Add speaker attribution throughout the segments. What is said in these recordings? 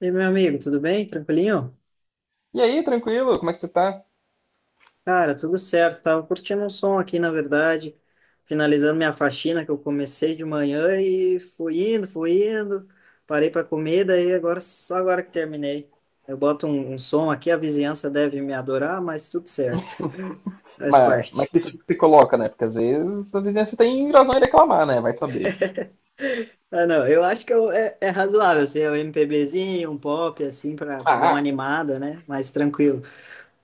Speaker 1: E aí, meu amigo, tudo bem? Tranquilinho?
Speaker 2: E aí, tranquilo? Como é que você tá?
Speaker 1: Cara, tudo certo. Tava curtindo um som aqui, na verdade, finalizando minha faxina que eu comecei de manhã e fui indo, fui indo. Parei para comer, daí agora só agora que terminei. Eu boto um som aqui, a vizinhança deve me adorar, mas tudo certo. Faz
Speaker 2: Mas
Speaker 1: parte.
Speaker 2: que isso que se coloca, né? Porque às vezes a vizinhança tem razão em reclamar, né? Vai saber.
Speaker 1: Ah, não, eu acho que é razoável, assim, é um MPBzinho, um pop, assim, para dar uma
Speaker 2: Ah,
Speaker 1: animada, né? Mais tranquilo.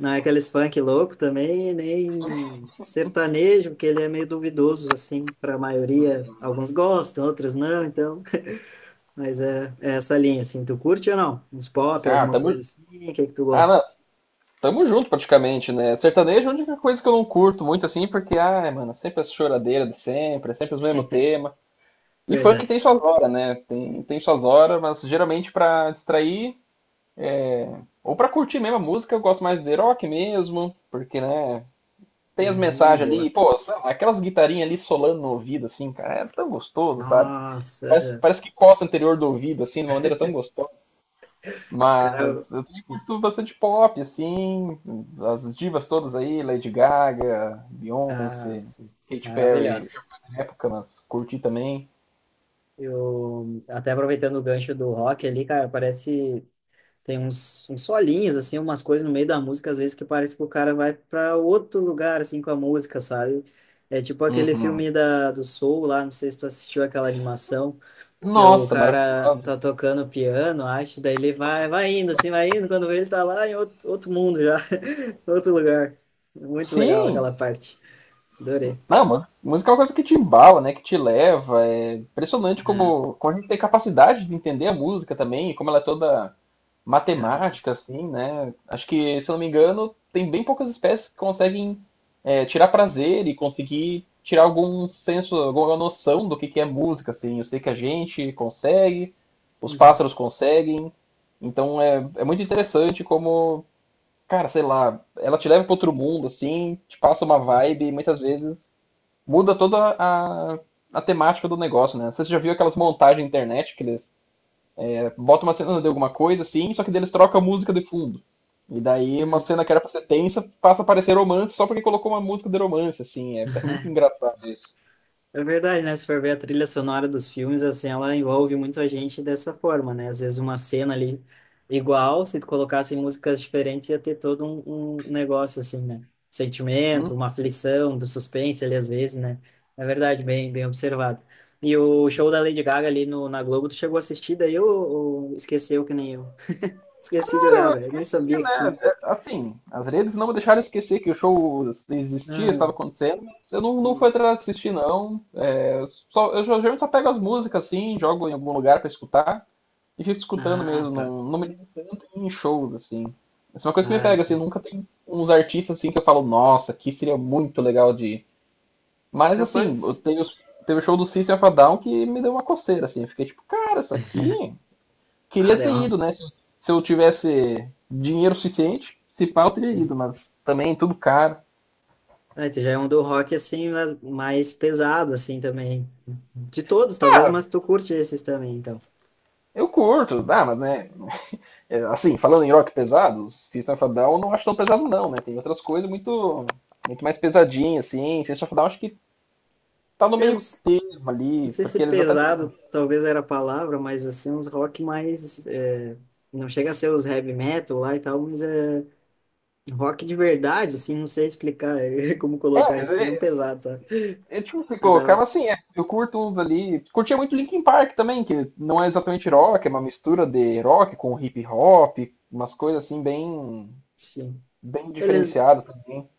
Speaker 1: Não é aqueles funk louco também, nem sertanejo, porque ele é meio duvidoso, assim, para a maioria. Alguns gostam, outros não, então. Mas é essa linha, assim. Tu curte ou não? Uns pop,
Speaker 2: ah,
Speaker 1: alguma
Speaker 2: tamo,
Speaker 1: coisa assim? O que é que tu
Speaker 2: ah,
Speaker 1: gosta?
Speaker 2: não, tamo junto praticamente, né? Sertanejo é a única coisa que eu não curto muito assim, porque, ai, mano, sempre essa choradeira de sempre, é sempre o mesmo tema. E funk
Speaker 1: Verdade.
Speaker 2: tem suas horas, né? Tem suas horas, mas geralmente pra distrair é, ou pra curtir mesmo a música, eu gosto mais de rock mesmo, porque, né? Tem as mensagens
Speaker 1: Boa.
Speaker 2: ali, pô, sabe, aquelas guitarrinhas ali solando no ouvido, assim, cara, é tão gostoso, sabe?
Speaker 1: Nossa,
Speaker 2: Parece,
Speaker 1: aham.
Speaker 2: parece que coça o anterior do ouvido, assim, de uma maneira tão gostosa.
Speaker 1: Cara.
Speaker 2: Mas eu também curto bastante pop, assim, as divas todas aí, Lady Gaga,
Speaker 1: Ah,
Speaker 2: Beyoncé,
Speaker 1: sim.
Speaker 2: Katy Perry,
Speaker 1: Maravilhosa.
Speaker 2: na época, mas curti também.
Speaker 1: Eu, até aproveitando o gancho do rock ali, cara, parece. Tem uns solinhos, assim, umas coisas no meio da música, às vezes, que parece que o cara vai para outro lugar, assim, com a música, sabe? É tipo aquele filme
Speaker 2: Uhum.
Speaker 1: do Soul lá, não sei se tu assistiu aquela animação, que o
Speaker 2: Nossa,
Speaker 1: cara tá
Speaker 2: maravilhosa.
Speaker 1: tocando piano, acho, daí ele vai, vai indo, assim, vai indo, quando vê ele tá lá em outro, outro mundo já, outro lugar. Muito legal aquela
Speaker 2: Sim,
Speaker 1: parte. Adorei.
Speaker 2: não, mas música é uma coisa que te embala, né? Que te leva. É impressionante
Speaker 1: É,
Speaker 2: como a gente tem capacidade de entender a música também, e como ela é toda
Speaker 1: é,
Speaker 2: matemática, assim, né? Acho que, se eu não me engano, tem bem poucas espécies que conseguem tirar prazer e conseguir tirar algum senso, alguma noção do que é música, assim. Eu sei que a gente consegue, os
Speaker 1: Uhum.
Speaker 2: pássaros conseguem. Então é, é muito interessante como, cara, sei lá, ela te leva para outro mundo, assim, te passa uma vibe e muitas vezes muda toda a temática do negócio, né? Você já viu aquelas montagens na internet que eles bota uma cena de alguma coisa, assim, só que eles trocam a música de fundo. E daí uma
Speaker 1: Uhum.
Speaker 2: cena que era pra ser tensa passa a parecer romance só porque colocou uma música de romance, assim. É, é muito engraçado isso.
Speaker 1: É verdade, né? Se for ver a trilha sonora dos filmes, assim, ela envolve muito a gente dessa forma, né? Às vezes uma cena ali igual, se tu colocasse músicas diferentes, ia ter todo um negócio, assim, né? Sentimento,
Speaker 2: Hum.
Speaker 1: uma aflição, do suspense ali, às vezes, né? É verdade, bem, bem observado. E o show da Lady Gaga ali no, na Globo, tu chegou a assistir daí ou esqueceu que nem eu? Esqueci de
Speaker 2: Cara,
Speaker 1: olhar,
Speaker 2: eu
Speaker 1: velho. Nem
Speaker 2: esqueci,
Speaker 1: sabia que
Speaker 2: né?
Speaker 1: tinha.
Speaker 2: É, assim, as redes não me deixaram esquecer que o show existia,
Speaker 1: Ah,
Speaker 2: estava acontecendo, mas eu não fui atrás de assistir, não. É, só, eu geralmente só pego as músicas, assim, jogo em algum lugar pra escutar. E fico escutando
Speaker 1: ah,
Speaker 2: mesmo,
Speaker 1: pá.
Speaker 2: não me ligo tanto em shows, assim. Essa é uma coisa que me
Speaker 1: Ah,
Speaker 2: pega, assim,
Speaker 1: entendi.
Speaker 2: nunca tem uns artistas assim que eu falo, nossa, que seria muito legal de ir. Mas assim, eu
Speaker 1: Capaz.
Speaker 2: teve, teve o show do System of a Down que me deu uma coceira, assim. Eu fiquei tipo, cara, isso aqui
Speaker 1: Ah,
Speaker 2: queria ter
Speaker 1: deu
Speaker 2: ido, né? Se eu tivesse dinheiro suficiente, se pá, eu teria
Speaker 1: uma...
Speaker 2: ido, mas também tudo caro.
Speaker 1: É, tu já é um do rock assim, mas mais pesado assim também. De todos, talvez,
Speaker 2: Ah,
Speaker 1: mas tu curte esses também, então.
Speaker 2: eu curto, dá mas né, é, assim, falando em rock pesado, System of a Down eu não acho tão pesado não, né? Tem outras coisas muito muito mais pesadinhas, assim. System of a Down acho que tá no
Speaker 1: É,
Speaker 2: meio
Speaker 1: uns-
Speaker 2: termo
Speaker 1: não
Speaker 2: ali,
Speaker 1: sei se
Speaker 2: porque eles até têm.
Speaker 1: pesado talvez era a palavra, mas assim, uns rock mais. Não chega a ser os heavy metal lá e tal, mas é rock de verdade, assim, não sei explicar como
Speaker 2: É,
Speaker 1: colocar
Speaker 2: mas
Speaker 1: isso, não
Speaker 2: é,
Speaker 1: pesado, sabe?
Speaker 2: é tipo, se
Speaker 1: Mas
Speaker 2: colocava
Speaker 1: dava-
Speaker 2: assim, eu curto uns ali. Curtia muito Linkin Park também, que não é exatamente rock, é uma mistura de rock com hip hop, umas coisas assim bem,
Speaker 1: Sim.
Speaker 2: bem
Speaker 1: Beleza.
Speaker 2: diferenciadas também.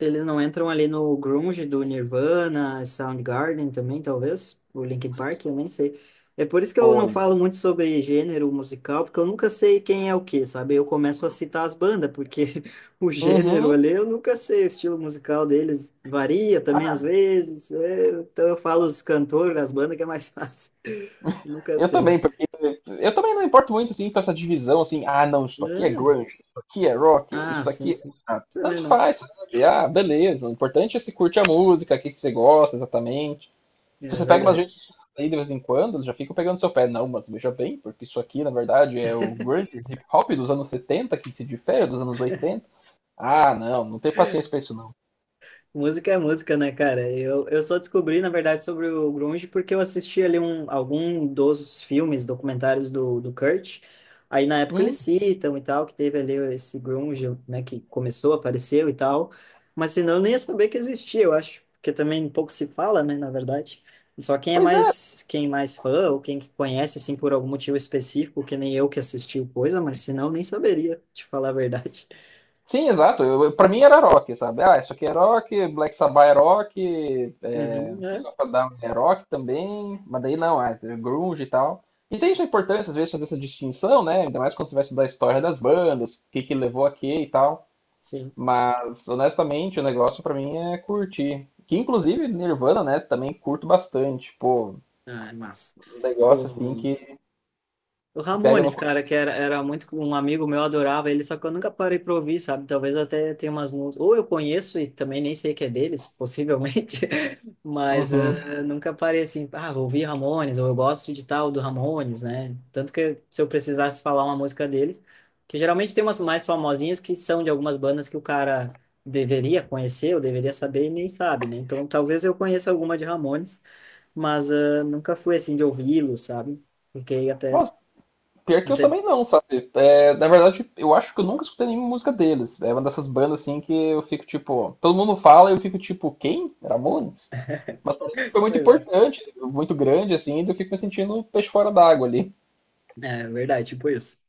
Speaker 1: Eles não entram ali no grunge do Nirvana, Soundgarden também, talvez, o Linkin Park, eu nem sei. É por isso que eu não falo
Speaker 2: Olha.
Speaker 1: muito sobre gênero musical, porque eu nunca sei quem é o quê, sabe? Eu começo a citar as bandas, porque o gênero
Speaker 2: Uhum.
Speaker 1: ali eu nunca sei, o estilo musical deles varia também às
Speaker 2: Ah,
Speaker 1: vezes. Então eu falo os cantores, as bandas, que é mais fácil. Nunca
Speaker 2: eu
Speaker 1: sei.
Speaker 2: também, porque eu também não importo muito assim com essa divisão assim, ah não, isso aqui é
Speaker 1: É.
Speaker 2: grunge, isso aqui é rock,
Speaker 1: Ah,
Speaker 2: isso
Speaker 1: sim,
Speaker 2: aqui
Speaker 1: sim.
Speaker 2: ah,
Speaker 1: Também
Speaker 2: tanto
Speaker 1: não.
Speaker 2: faz, sabe? Ah, beleza. O importante é se curte a música, o que que você gosta exatamente. Se
Speaker 1: É
Speaker 2: você pega umas
Speaker 1: verdade.
Speaker 2: redes aí de vez em quando, eles já ficam pegando seu pé. Não, mas veja bem, porque isso aqui, na verdade, é o grunge hip hop dos anos 70 que se difere dos anos 80. Ah, não, não tem paciência pra isso, não.
Speaker 1: Música é música, né, cara? Eu só descobri, na verdade, sobre o grunge porque eu assisti ali um, algum dos filmes, documentários do Kurt. Aí, na época, eles
Speaker 2: Hum,
Speaker 1: citam e tal, que teve ali esse grunge, né, que começou, apareceu e tal. Mas, senão, eu nem ia saber que existia, eu acho. Porque também pouco se fala, né, na verdade. Só
Speaker 2: pois é,
Speaker 1: quem é mais fã ou quem que conhece, assim, por algum motivo específico, que nem eu que assisti o coisa, mas, senão, eu nem saberia, te falar a verdade.
Speaker 2: sim, exato. Pra mim era rock, sabe? Ah, isso aqui é rock, Black Sabbath é rock, é,
Speaker 1: Uhum, é,
Speaker 2: System of a Down é rock também, mas daí não, ah, é grunge e tal. E tem sua importância, às vezes, fazer essa distinção, né? Ainda mais quando você vai estudar a história das bandas, o que que levou a quê e tal.
Speaker 1: sim.
Speaker 2: Mas, honestamente, o negócio pra mim é curtir. Que, inclusive, Nirvana, né, também curto bastante. Pô,
Speaker 1: Ah, é massa.
Speaker 2: um negócio assim
Speaker 1: O-
Speaker 2: que,
Speaker 1: o
Speaker 2: que pega no
Speaker 1: Ramones, cara,
Speaker 2: coração.
Speaker 1: que era, era muito um amigo meu, adorava ele, só que eu nunca parei pra ouvir, sabe? Talvez até tenha umas músicas. Ou eu conheço e também nem sei que é deles, possivelmente, mas
Speaker 2: Uhum.
Speaker 1: nunca parei assim, ah, vou ouvir Ramones, ou eu gosto de tal do Ramones, né? Tanto que se eu precisasse falar uma música deles, que geralmente tem umas mais famosinhas que são de algumas bandas que o cara deveria conhecer, ou deveria saber e nem sabe, né? Então talvez eu conheça alguma de Ramones, mas nunca fui assim de ouvi-lo, sabe? Fiquei
Speaker 2: Mas, pior que eu
Speaker 1: até,
Speaker 2: também não, sabe? É, na verdade, eu acho que eu nunca escutei nenhuma música deles. É uma dessas bandas assim que eu fico tipo. Todo mundo fala e eu fico tipo, quem? Ramones? Mas parece que foi muito
Speaker 1: pois é,
Speaker 2: importante, muito grande, assim, e eu fico me sentindo um peixe fora d'água ali.
Speaker 1: é verdade, tipo isso.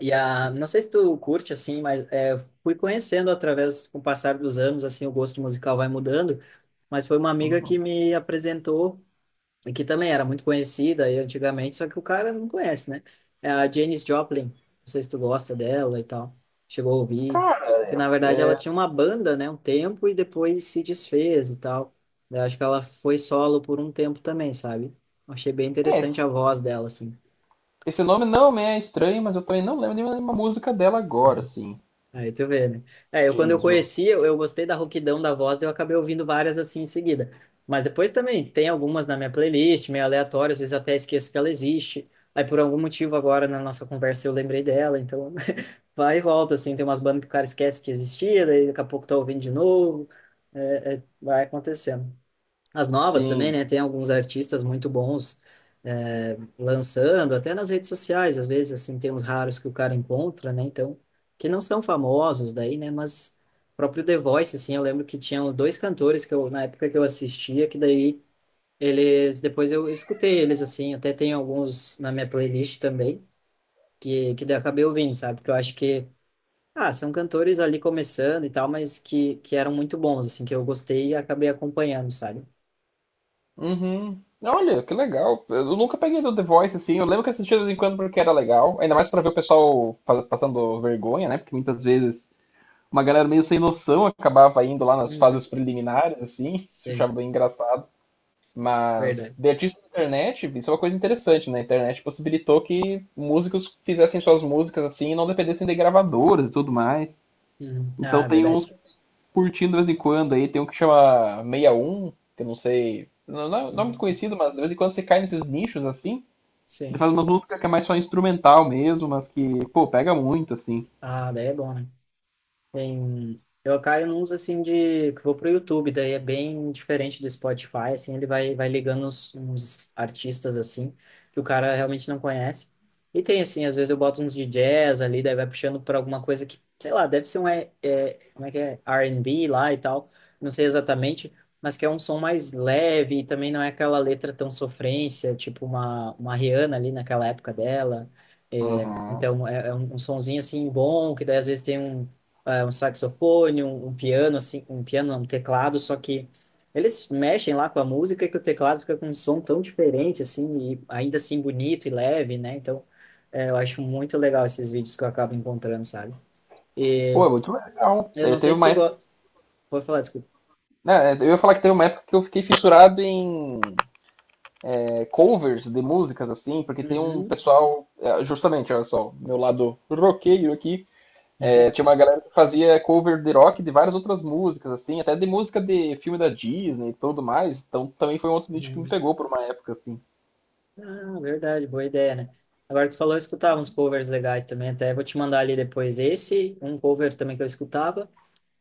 Speaker 1: E a, não sei se tu curte assim, mas fui conhecendo através, com o passar dos anos, assim, o gosto musical vai mudando, mas foi uma amiga que
Speaker 2: Uhum.
Speaker 1: me apresentou, e que também era muito conhecida aí antigamente, só que o cara não conhece, né? É a Janis Joplin, não sei se tu gosta dela e tal, chegou a ouvir, que
Speaker 2: Cara,
Speaker 1: na verdade ela tinha uma banda, né, um tempo, e depois se desfez e tal. Eu acho que ela foi solo por um tempo também, sabe? Eu achei bem
Speaker 2: é,
Speaker 1: interessante a voz dela, assim.
Speaker 2: esse nome não me é estranho, mas eu também não lembro de nenhuma música dela agora, assim.
Speaker 1: Aí tu vê, né? É, eu quando eu
Speaker 2: James Jones.
Speaker 1: conheci, eu gostei da rouquidão da voz, daí eu acabei ouvindo várias assim em seguida. Mas depois também tem algumas na minha playlist, meio aleatórias, às vezes até esqueço que ela existe. Aí por algum motivo agora na nossa conversa eu lembrei dela, então vai e volta, assim, tem umas bandas que o cara esquece que existia, daí daqui a pouco tá ouvindo de novo, vai acontecendo as novas também,
Speaker 2: Sim.
Speaker 1: né? Tem alguns artistas muito bons lançando, até nas redes sociais, às vezes, assim, tem uns raros que o cara encontra, né? Então, que não são famosos daí, né? Mas o próprio The Voice, assim, eu lembro que tinham dois cantores que eu, na época que eu assistia, que daí eles, depois eu escutei eles, assim, até tem alguns na minha playlist também, que daí eu acabei ouvindo, sabe? Que eu acho que, ah, são cantores ali começando e tal, mas que eram muito bons, assim, que eu gostei e acabei acompanhando, sabe?
Speaker 2: Uhum. Olha, que legal. Eu nunca peguei do The Voice, assim. Eu lembro que assistia de vez em quando porque era legal. Ainda mais pra ver o pessoal passando vergonha, né? Porque muitas vezes uma galera meio sem noção acabava indo lá nas
Speaker 1: Uhum.
Speaker 2: fases preliminares, assim. Isso eu
Speaker 1: Sei.
Speaker 2: achava bem engraçado. Mas
Speaker 1: Verdade.
Speaker 2: de artista na internet, isso é uma coisa interessante, né? A internet possibilitou que músicos fizessem suas músicas assim e não dependessem de gravadoras e tudo mais.
Speaker 1: Uhum.
Speaker 2: Então
Speaker 1: Ah,
Speaker 2: tem uns
Speaker 1: verdade.
Speaker 2: curtindo de vez em quando aí. Tem um que chama 61 que eu não sei. Não, não é muito
Speaker 1: Uhum.
Speaker 2: conhecido, mas de vez em quando você cai nesses nichos assim. Ele
Speaker 1: Sim.
Speaker 2: faz uma música que é mais só instrumental mesmo, mas que, pô, pega muito, assim.
Speaker 1: Ah, daí é bom, né? Tem... Eu caio nos assim de que vou pro YouTube, daí é bem diferente do Spotify, assim, ele vai ligando uns artistas assim que o cara realmente não conhece. E tem assim, às vezes eu boto uns de jazz ali, daí vai puxando para alguma coisa que, sei lá, deve ser um como é que é? R&B lá e tal, não sei exatamente, mas que é um som mais leve e também não é aquela letra tão sofrência, tipo uma Rihanna ali naquela época dela. É,
Speaker 2: Uhum.
Speaker 1: então é um sonzinho assim bom, que daí às vezes tem um um saxofone, um piano, assim, um piano, um teclado, só que eles mexem lá com a música que o teclado fica com um som tão diferente, assim, e ainda assim bonito e leve, né? Então, eu acho muito legal esses vídeos que eu acabo encontrando, sabe? E
Speaker 2: Pô, é muito legal.
Speaker 1: eu
Speaker 2: É,
Speaker 1: não
Speaker 2: teve
Speaker 1: sei se
Speaker 2: uma
Speaker 1: tu
Speaker 2: época,
Speaker 1: gosta. Pode falar, desculpa.
Speaker 2: né, eu ia falar que teve uma época que eu fiquei fissurado em covers de músicas, assim, porque tem um
Speaker 1: Uhum,
Speaker 2: pessoal. Justamente, olha só, meu lado roqueiro aqui. É, tinha uma galera que fazia cover de rock de várias outras músicas, assim, até de música de filme da Disney e tudo mais. Então também foi um outro nicho que me
Speaker 1: uhum.
Speaker 2: pegou por uma época, assim.
Speaker 1: Ah, verdade, boa ideia, né? Agora tu falou, eu escutava uns covers legais também, até vou te mandar ali depois esse, um cover também que eu escutava.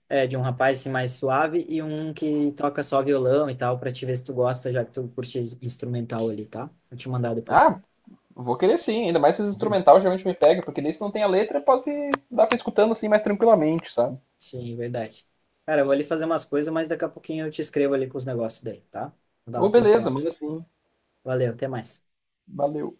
Speaker 1: É, de um rapaz assim, mais suave e um que toca só violão e tal, pra te ver se tu gosta, já que tu curte instrumental ali, tá? Vou te mandar depois.
Speaker 2: Ah, vou querer sim, ainda mais se instrumental geralmente me pega, porque daí se não tem a letra, pode dar pra ir escutando assim mais tranquilamente, sabe?
Speaker 1: Sim, verdade. Cara, eu vou ali fazer umas coisas, mas daqui a pouquinho eu te escrevo ali com os negócios daí, tá? Vou dar uma
Speaker 2: Ô,
Speaker 1: atenção
Speaker 2: beleza,
Speaker 1: aqui.
Speaker 2: manda assim,
Speaker 1: Valeu, até mais.
Speaker 2: valeu.